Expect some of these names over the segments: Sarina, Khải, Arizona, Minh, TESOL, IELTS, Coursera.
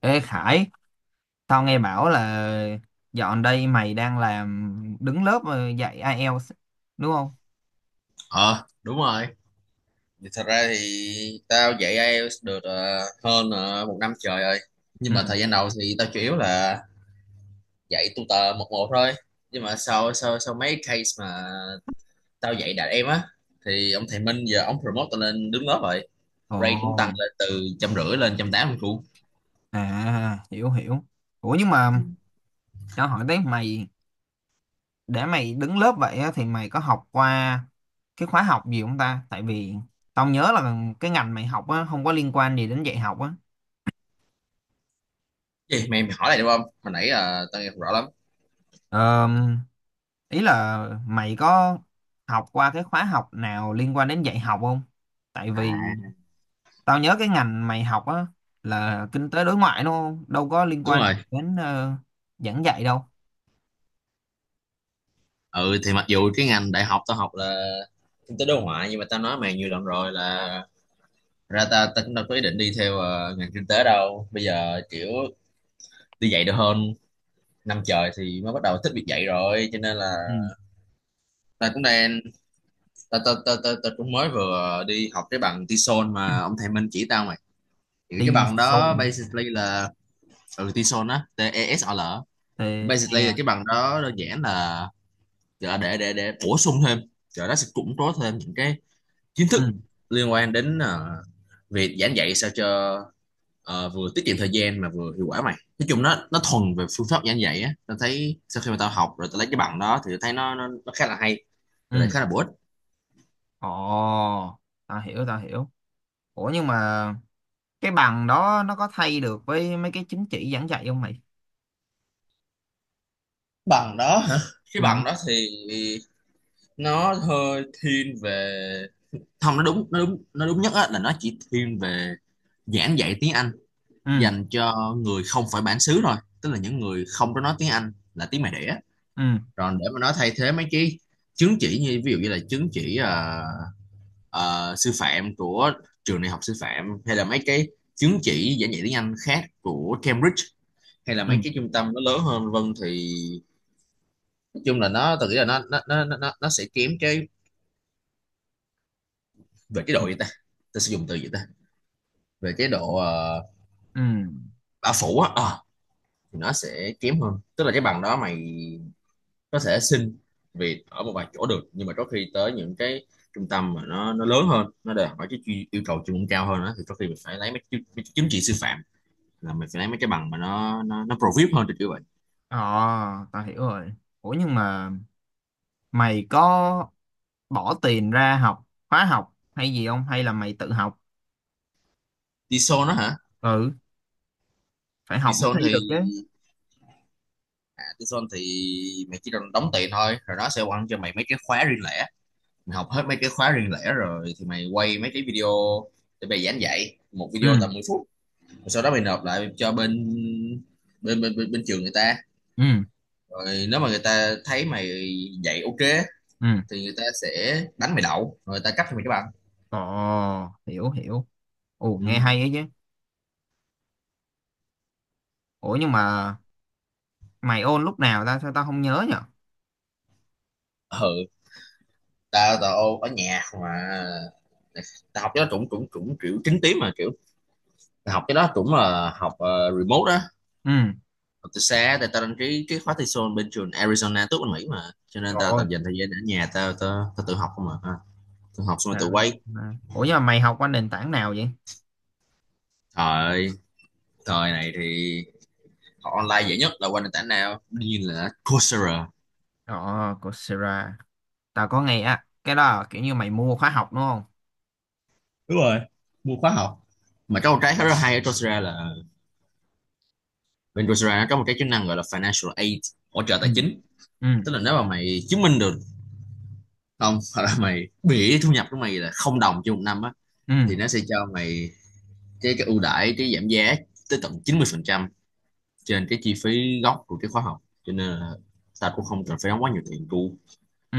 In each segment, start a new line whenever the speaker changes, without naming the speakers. Ê Khải, tao nghe bảo là dọn đây mày đang làm đứng lớp dạy IELTS đúng không?
Ờ Đúng rồi. Thì thật ra thì tao dạy IELTS được hơn một năm trời rồi. Nhưng
Ừ.
mà thời gian đầu thì tao chủ yếu là dạy tutor một một thôi. Nhưng mà sau sau sau mấy case mà tao dạy đạt em á thì ông thầy Minh giờ ông promote tao lên đứng lớp rồi. Rate cũng tăng
Ồ,
lên từ 150 lên 180 luôn.
à hiểu hiểu. Ủa nhưng mà tao hỏi tới mày để mày đứng lớp vậy á, thì mày có học qua cái khóa học gì không ta? Tại vì tao nhớ là cái ngành mày học á không có liên quan gì đến dạy học á.
Gì mày mày, hỏi lại được không, hồi nãy tao nghe không rõ lắm.
Ờ, ý là mày có học qua cái khóa học nào liên quan đến dạy học không? Tại vì
À
tao nhớ cái ngành mày học á là kinh tế đối ngoại đúng không? Đâu có liên
đúng
quan
rồi.
đến giảng dạy đâu.
Ừ thì mặc dù cái ngành đại học tao học là kinh tế đối ngoại, nhưng mà tao nói mày nhiều lần rồi là ra ta ta cũng đâu có ý định đi theo ngành kinh tế đâu. Bây giờ kiểu đi dạy được hơn năm trời thì mới bắt đầu thích việc dạy rồi, cho nên là
Ừ.
ta cũng đang, ta ta ta ta, ta cũng mới vừa đi học cái bằng TESOL mà ông thầy Minh chỉ tao mày. Thì cái
TV.
bằng
Soul.
đó basically là ừ, TESOL á, TESOL á. Basically là cái
TE.
bằng đó đơn giản là để bổ sung thêm, rồi nó sẽ củng cố thêm những cái kiến
Ừ,
thức liên quan đến việc giảng dạy sao cho vừa tiết kiệm thời gian mà vừa hiệu quả. Mày nói chung nó thuần về phương pháp giảng dạy á. Tao thấy sau khi mà tao học rồi tao lấy cái bằng đó thì tao thấy nó khá là hay và
ừ.
lại khá là bổ ích.
Ồ, tao hiểu tao hiểu. Ủa nhưng mà cái bằng đó nó có thay được với mấy cái chứng chỉ giảng dạy không mày?
Bằng đó hả? Cái
Ừ,
bằng đó thì nó hơi thiên về, không, nó đúng nhất á là nó chỉ thiên về giảng dạy tiếng Anh
ừ,
dành cho người không phải bản xứ thôi. Tức là những người không có nói tiếng Anh là tiếng mẹ đẻ.
ừ,
Còn để mà nó thay thế mấy cái chứng chỉ, như ví dụ như là chứng chỉ sư phạm của trường đại học sư phạm, hay là mấy cái chứng chỉ giảng dạy tiếng Anh khác của Cambridge, hay là
ừ,
mấy cái trung tâm nó lớn hơn vân thì nói chung là nó, tôi nghĩ là nó sẽ kém cái về cái
ừ,
độ gì ta, ta sử dụng từ gì ta, về cái độ
ừ.
bao phủ á. Ờ, thì nó sẽ kém hơn. Tức là cái bằng đó mày có thể xin việc ở một vài chỗ được, nhưng mà có khi tới những cái trung tâm mà nó lớn hơn, nó đòi hỏi cái yêu cầu chuyên môn cao hơn đó, thì có khi mình phải lấy mấy, mấy cái chứng chỉ sư phạm, là mình phải lấy mấy cái bằng mà nó pro vip hơn, thì kiểu vậy.
Ờ, tao hiểu rồi. Ủa nhưng mà mày có bỏ tiền ra học khóa học hay gì không, hay là mày tự học?
Tison đó hả?
Ừ, phải học mới
Tison
thi
thì
được chứ.
à, Tison thì mày chỉ cần đóng tiền thôi, rồi nó sẽ quăng cho mày mấy cái khóa riêng lẻ. Mày học hết mấy cái khóa riêng lẻ rồi thì mày quay mấy cái video, để mày giảng dạy một video
Ừ,
tầm 10 phút, rồi sau đó mày nộp lại cho bên bên bên bên, bên trường người ta.
ừ,
Rồi nếu mà người ta thấy mày dạy ok
ừ.
thì người ta sẽ đánh mày đậu, rồi người ta cấp cho mày cái bằng.
Ồ, hiểu hiểu. Ồ,
Ừ.
nghe hay ấy chứ. Ủa nhưng mà mày ôn lúc nào ta, sao tao không nhớ nhở?
Ừ, tao tao ở nhà mà. Tao học cho nó cũng cũng cũng kiểu chính tím mà, kiểu tao học cái đó cũng là học remote đó,
Ừ.
học từ xa. Tại tao đăng ký cái khóa thi sol bên trường Arizona tốt bên Mỹ mà, cho nên
Trời
tao
ơi
toàn dành thời gian ở nhà. Tao tao, tao tự học không mà, tự học xong rồi tự quay.
Sarina. Ủa nhưng mà mày học qua nền tảng nào vậy?
Thời thời này thì học online dễ nhất là qua nền tảng nào? Đương nhiên là Coursera.
Ồ, Coursera. Tao có nghe á, cái đó là kiểu như mày mua khóa học đúng không?
Đúng rồi, mua khóa học. Mà có một cái khá là hay ở Coursera là bên Coursera nó có một cái chức năng gọi là financial aid, hỗ trợ
Ừ,
tài chính.
ừ,
Tức là nếu mà mày chứng minh được, không, hoặc là mày bị thu nhập của mày là không đồng trên một năm á,
ừ,
thì nó sẽ cho mày cái ưu đãi, cái giảm giá tới tận 90% trên cái chi phí gốc của cái khóa học. Cho nên là tao cũng không cần phải đóng quá nhiều tiền tu.
ừ.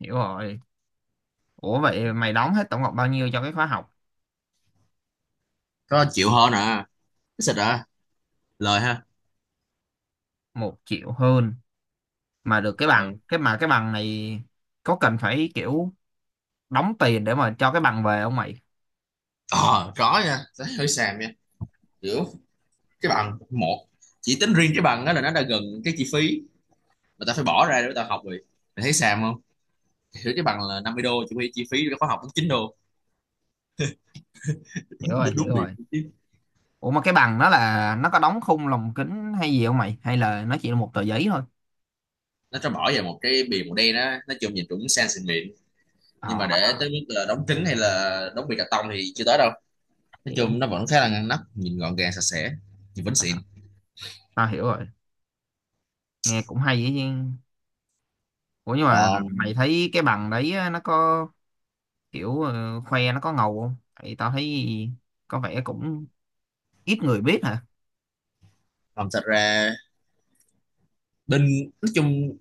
Hiểu rồi. Ủa vậy mày đóng hết tổng cộng bao nhiêu cho cái khóa học?
Có chịu hơn à? Cái xịt à, lời ha.
Một triệu hơn mà được cái bằng.
Ừ,
Cái mà cái bằng này có cần phải kiểu đóng tiền để mà cho cái bằng về không mày?
ờ có nha, tao hơi xàm nha. Kiểu cái bằng một, chỉ tính riêng cái bằng đó là nó đã gần cái chi phí mà tao phải bỏ ra để tao học rồi. Mày thấy xàm không? Hiểu, cái bằng là 50 đô, chuẩn bị chi phí cho khóa học cũng 9 đô.
Hiểu rồi
Đúng,
hiểu
đúng bịp.
rồi. Ủa mà cái bằng nó là nó có đóng khung lồng kính hay gì không mày, hay là nó chỉ là một tờ giấy thôi?
Nó cho bỏ vào một cái bìa màu đen á, nói chung nhìn cũng sang xịn mịn. Nhưng
Ờ,
mà để tới mức là đóng kính hay là đóng bìa cà tông thì chưa tới đâu. Nói
hiểu.
chung nó vẫn khá là ngăn nắp, nhìn gọn gàng sạch sẽ. Nhìn vẫn xịn.
À, tao hiểu rồi. Nghe cũng hay ấy chứ. Ủa nhưng mà
Còn
mày thấy cái bằng đấy á, nó có kiểu khoe nó có ngầu không? Thì tao thấy có vẻ cũng ít người biết hả.
phòng thật ra bên, nói chung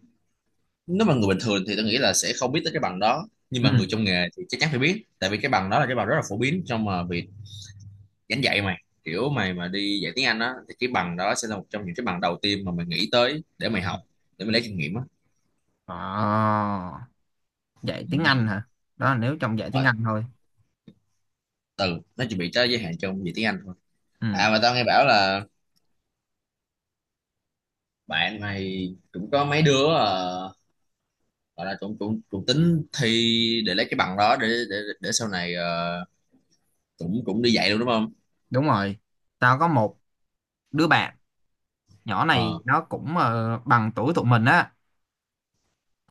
nếu mà người bình thường thì tôi nghĩ là sẽ không biết tới cái bằng đó, nhưng
Ừ.
mà người trong nghề thì chắc chắn phải biết. Tại vì cái bằng đó là cái bằng rất là phổ biến trong việc giảng dạy mày. Kiểu mày mà đi dạy tiếng Anh á thì cái bằng đó sẽ là một trong những cái bằng đầu tiên mà mày nghĩ tới để mày học, để mày lấy kinh nghiệm á.
Ờ, dạy
Ừ.
tiếng Anh hả? Đó là nếu trong dạy tiếng
Rồi,
Anh thôi.
từ nó chỉ bị tới giới hạn trong việc tiếng Anh thôi.
Ừ.
À mà tao nghe bảo là bạn mày cũng có mấy đứa gọi là cũng cũng cũng tính thi để lấy cái bằng đó để sau này cũng cũng đi dạy luôn, đúng không?
Đúng rồi. Tao có một đứa bạn nhỏ
Ờ.
này, nó cũng bằng tuổi tụi mình á.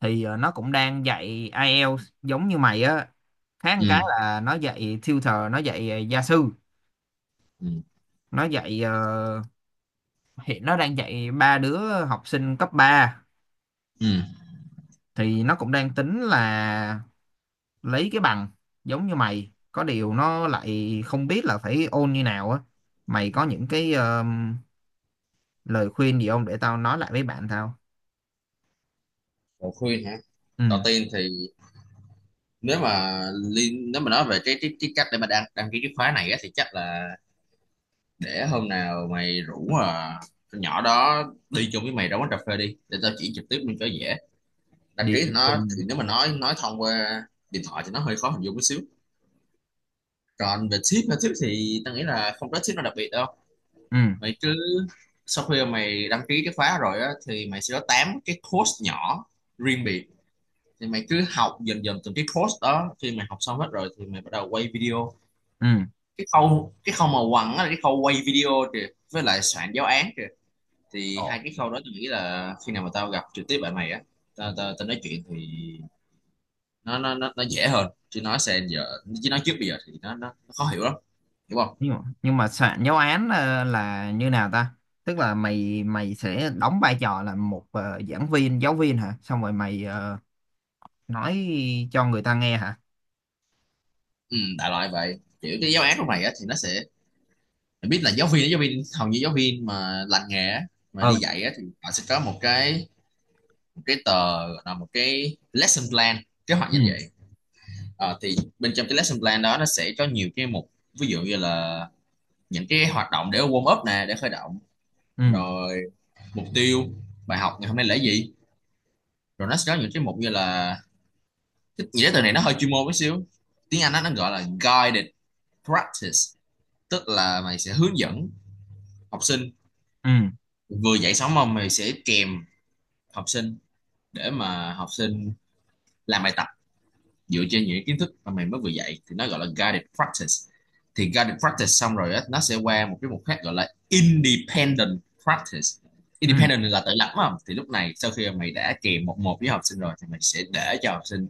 Thì nó cũng đang dạy IELTS giống như mày á. Khác một cái
Ừ.
là nó dạy tutor. Nó dạy gia sư.
Ừ.
Nó dạy ờ, hiện nó đang dạy ba đứa học sinh cấp ba.
Ừ.
Thì nó cũng đang tính là lấy cái bằng giống như mày, có điều nó lại không biết là phải ôn như nào á. Mày có những cái lời khuyên gì không để tao nói lại với bạn tao?
Lời khuyên hả? Đầu
Ừ.
tiên thì nếu mà liên, nếu mà nói về cái cách để mà đăng đăng ký cái khóa này á, thì chắc là để hôm nào mày rủ con nhỏ đó đi chung với mày ra quán cà phê đi, để tao chỉ trực tiếp luôn cho dễ. Đăng
Đi.
ký thì
Ừ,
nó thì nếu mà nói thông qua điện thoại thì nó hơi khó hình dung một xíu. Còn về ship mà ship thì tao nghĩ là không có ship nào đặc biệt đâu.
ừ,
Mày cứ sau khi mà mày đăng ký cái khóa rồi á thì mày sẽ có 8 cái course nhỏ riêng biệt. Thì mày cứ học dần dần từng cái course đó, khi mày học xong hết rồi thì mày bắt đầu quay video. Cái khâu mà quăng á là cái khâu quay video kìa, với lại soạn giáo án kìa. Thì
ừ.
hai cái khâu đó tôi nghĩ là khi nào mà tao gặp trực tiếp bạn mày á, tao tao tao nói chuyện thì nó dễ hơn, chứ nói xem giờ, chứ nói trước bây giờ thì nó khó hiểu lắm, hiểu không?
Nhưng mà soạn giáo án là như nào ta? Tức là mày mày sẽ đóng vai trò là một giảng viên giáo viên hả, xong rồi mày nói cho người ta nghe hả?
Ừ, đại loại vậy. Kiểu cái giáo án trong này á, thì nó sẽ, mình biết là giáo viên, giáo viên hầu như giáo viên mà lành nghề á, mà đi
Ừ,
dạy á, thì họ sẽ có một cái, một cái tờ gọi là một cái lesson plan, kế hoạch
ừ,
giảng dạy. Ờ, thì bên trong cái lesson plan đó nó sẽ có nhiều cái mục, ví dụ như là những cái hoạt động để warm up nè, để khởi động.
ừ,
Rồi mục tiêu bài học ngày hôm nay là gì, rồi nó sẽ có những cái mục như là, cái nghĩa từ này nó hơi chuyên môn một xíu, tiếng Anh á, nó gọi là guided practice. Tức là mày sẽ hướng dẫn học sinh,
ừ,
vừa dạy sống ông mày sẽ kèm học sinh để mà học sinh làm bài tập dựa trên những kiến thức mà mày mới vừa dạy, thì nó gọi là guided practice. Thì guided practice xong rồi á, nó sẽ qua một cái mục khác gọi là independent practice.
ừ.
Independent là tự lập mà, thì lúc này sau khi mày đã kèm một một với học sinh rồi thì mày sẽ để cho học sinh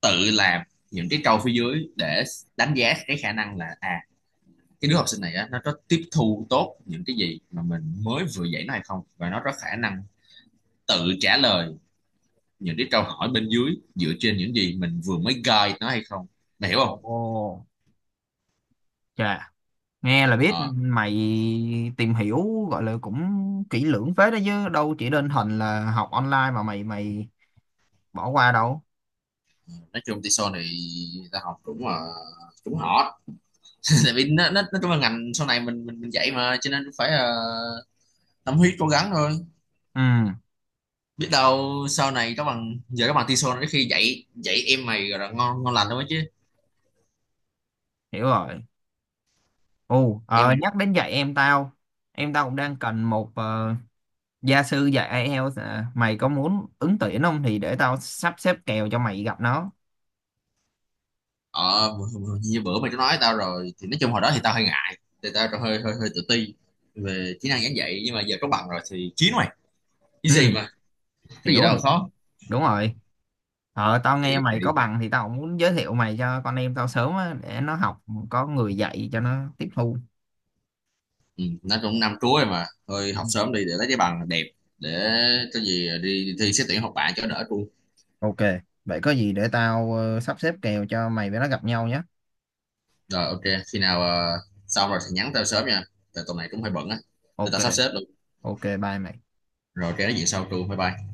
tự làm những cái câu phía dưới để đánh giá cái khả năng là à, cái đứa học sinh này á, nó có tiếp thu tốt những cái gì mà mình mới vừa dạy nó hay không, và nó có khả năng tự trả lời những cái câu hỏi bên dưới dựa trên những gì mình vừa mới guide nó hay không, mày hiểu
Ồ,
không?
chà. Nghe là biết
Ờ,
mày tìm hiểu gọi là cũng kỹ lưỡng phết đó chứ, đâu chỉ đơn thuần là học online mà mày mày bỏ qua đâu.
nói chung thì sau này ta học cũng là cũng họ tại vì nó trong là ngành sau này mình dạy mà, cho nên phải tâm huyết cố gắng thôi.
Ừ,
Biết đâu sau này các bạn giờ các bạn TESOL này khi dạy dạy em mày rồi là ngon ngon lành thôi chứ.
hiểu rồi. Ồ,
Em mày
nhắc đến dạy em tao, em tao cũng đang cần một gia sư dạy IELTS. À, mày có muốn ứng tuyển không thì để tao sắp xếp kèo cho mày gặp nó?
ờ như bữa mày có nói tao rồi thì nói chung hồi đó thì tao hơi ngại, thì tao hơi hơi hơi tự ti về kỹ năng giảng dạy, nhưng mà giờ có bằng rồi thì chiến mày, cái
Ừ,
gì mà, có gì
hiểu
đâu
hiểu.
khó.
Đúng rồi. Ờ, tao
thì,
nghe mày có
thì
bằng thì tao cũng muốn giới thiệu mày cho con em tao sớm á, để nó học có người dạy cho nó tiếp thu.
ừ, nó cũng năm cuối rồi mà, thôi học
Ừ.
sớm đi để lấy cái bằng đẹp, để có gì đi thi xét tuyển học bạ cho đỡ luôn.
Ok, vậy có gì để tao sắp xếp kèo cho mày với nó gặp nhau nhé.
Rồi ok, khi nào xong rồi thì nhắn tao sớm nha, tại tuần này cũng hơi bận á, để
Ok.
tao sắp xếp luôn.
Ok, bye mày.
Rồi cái nói chuyện sau tru, bye bye.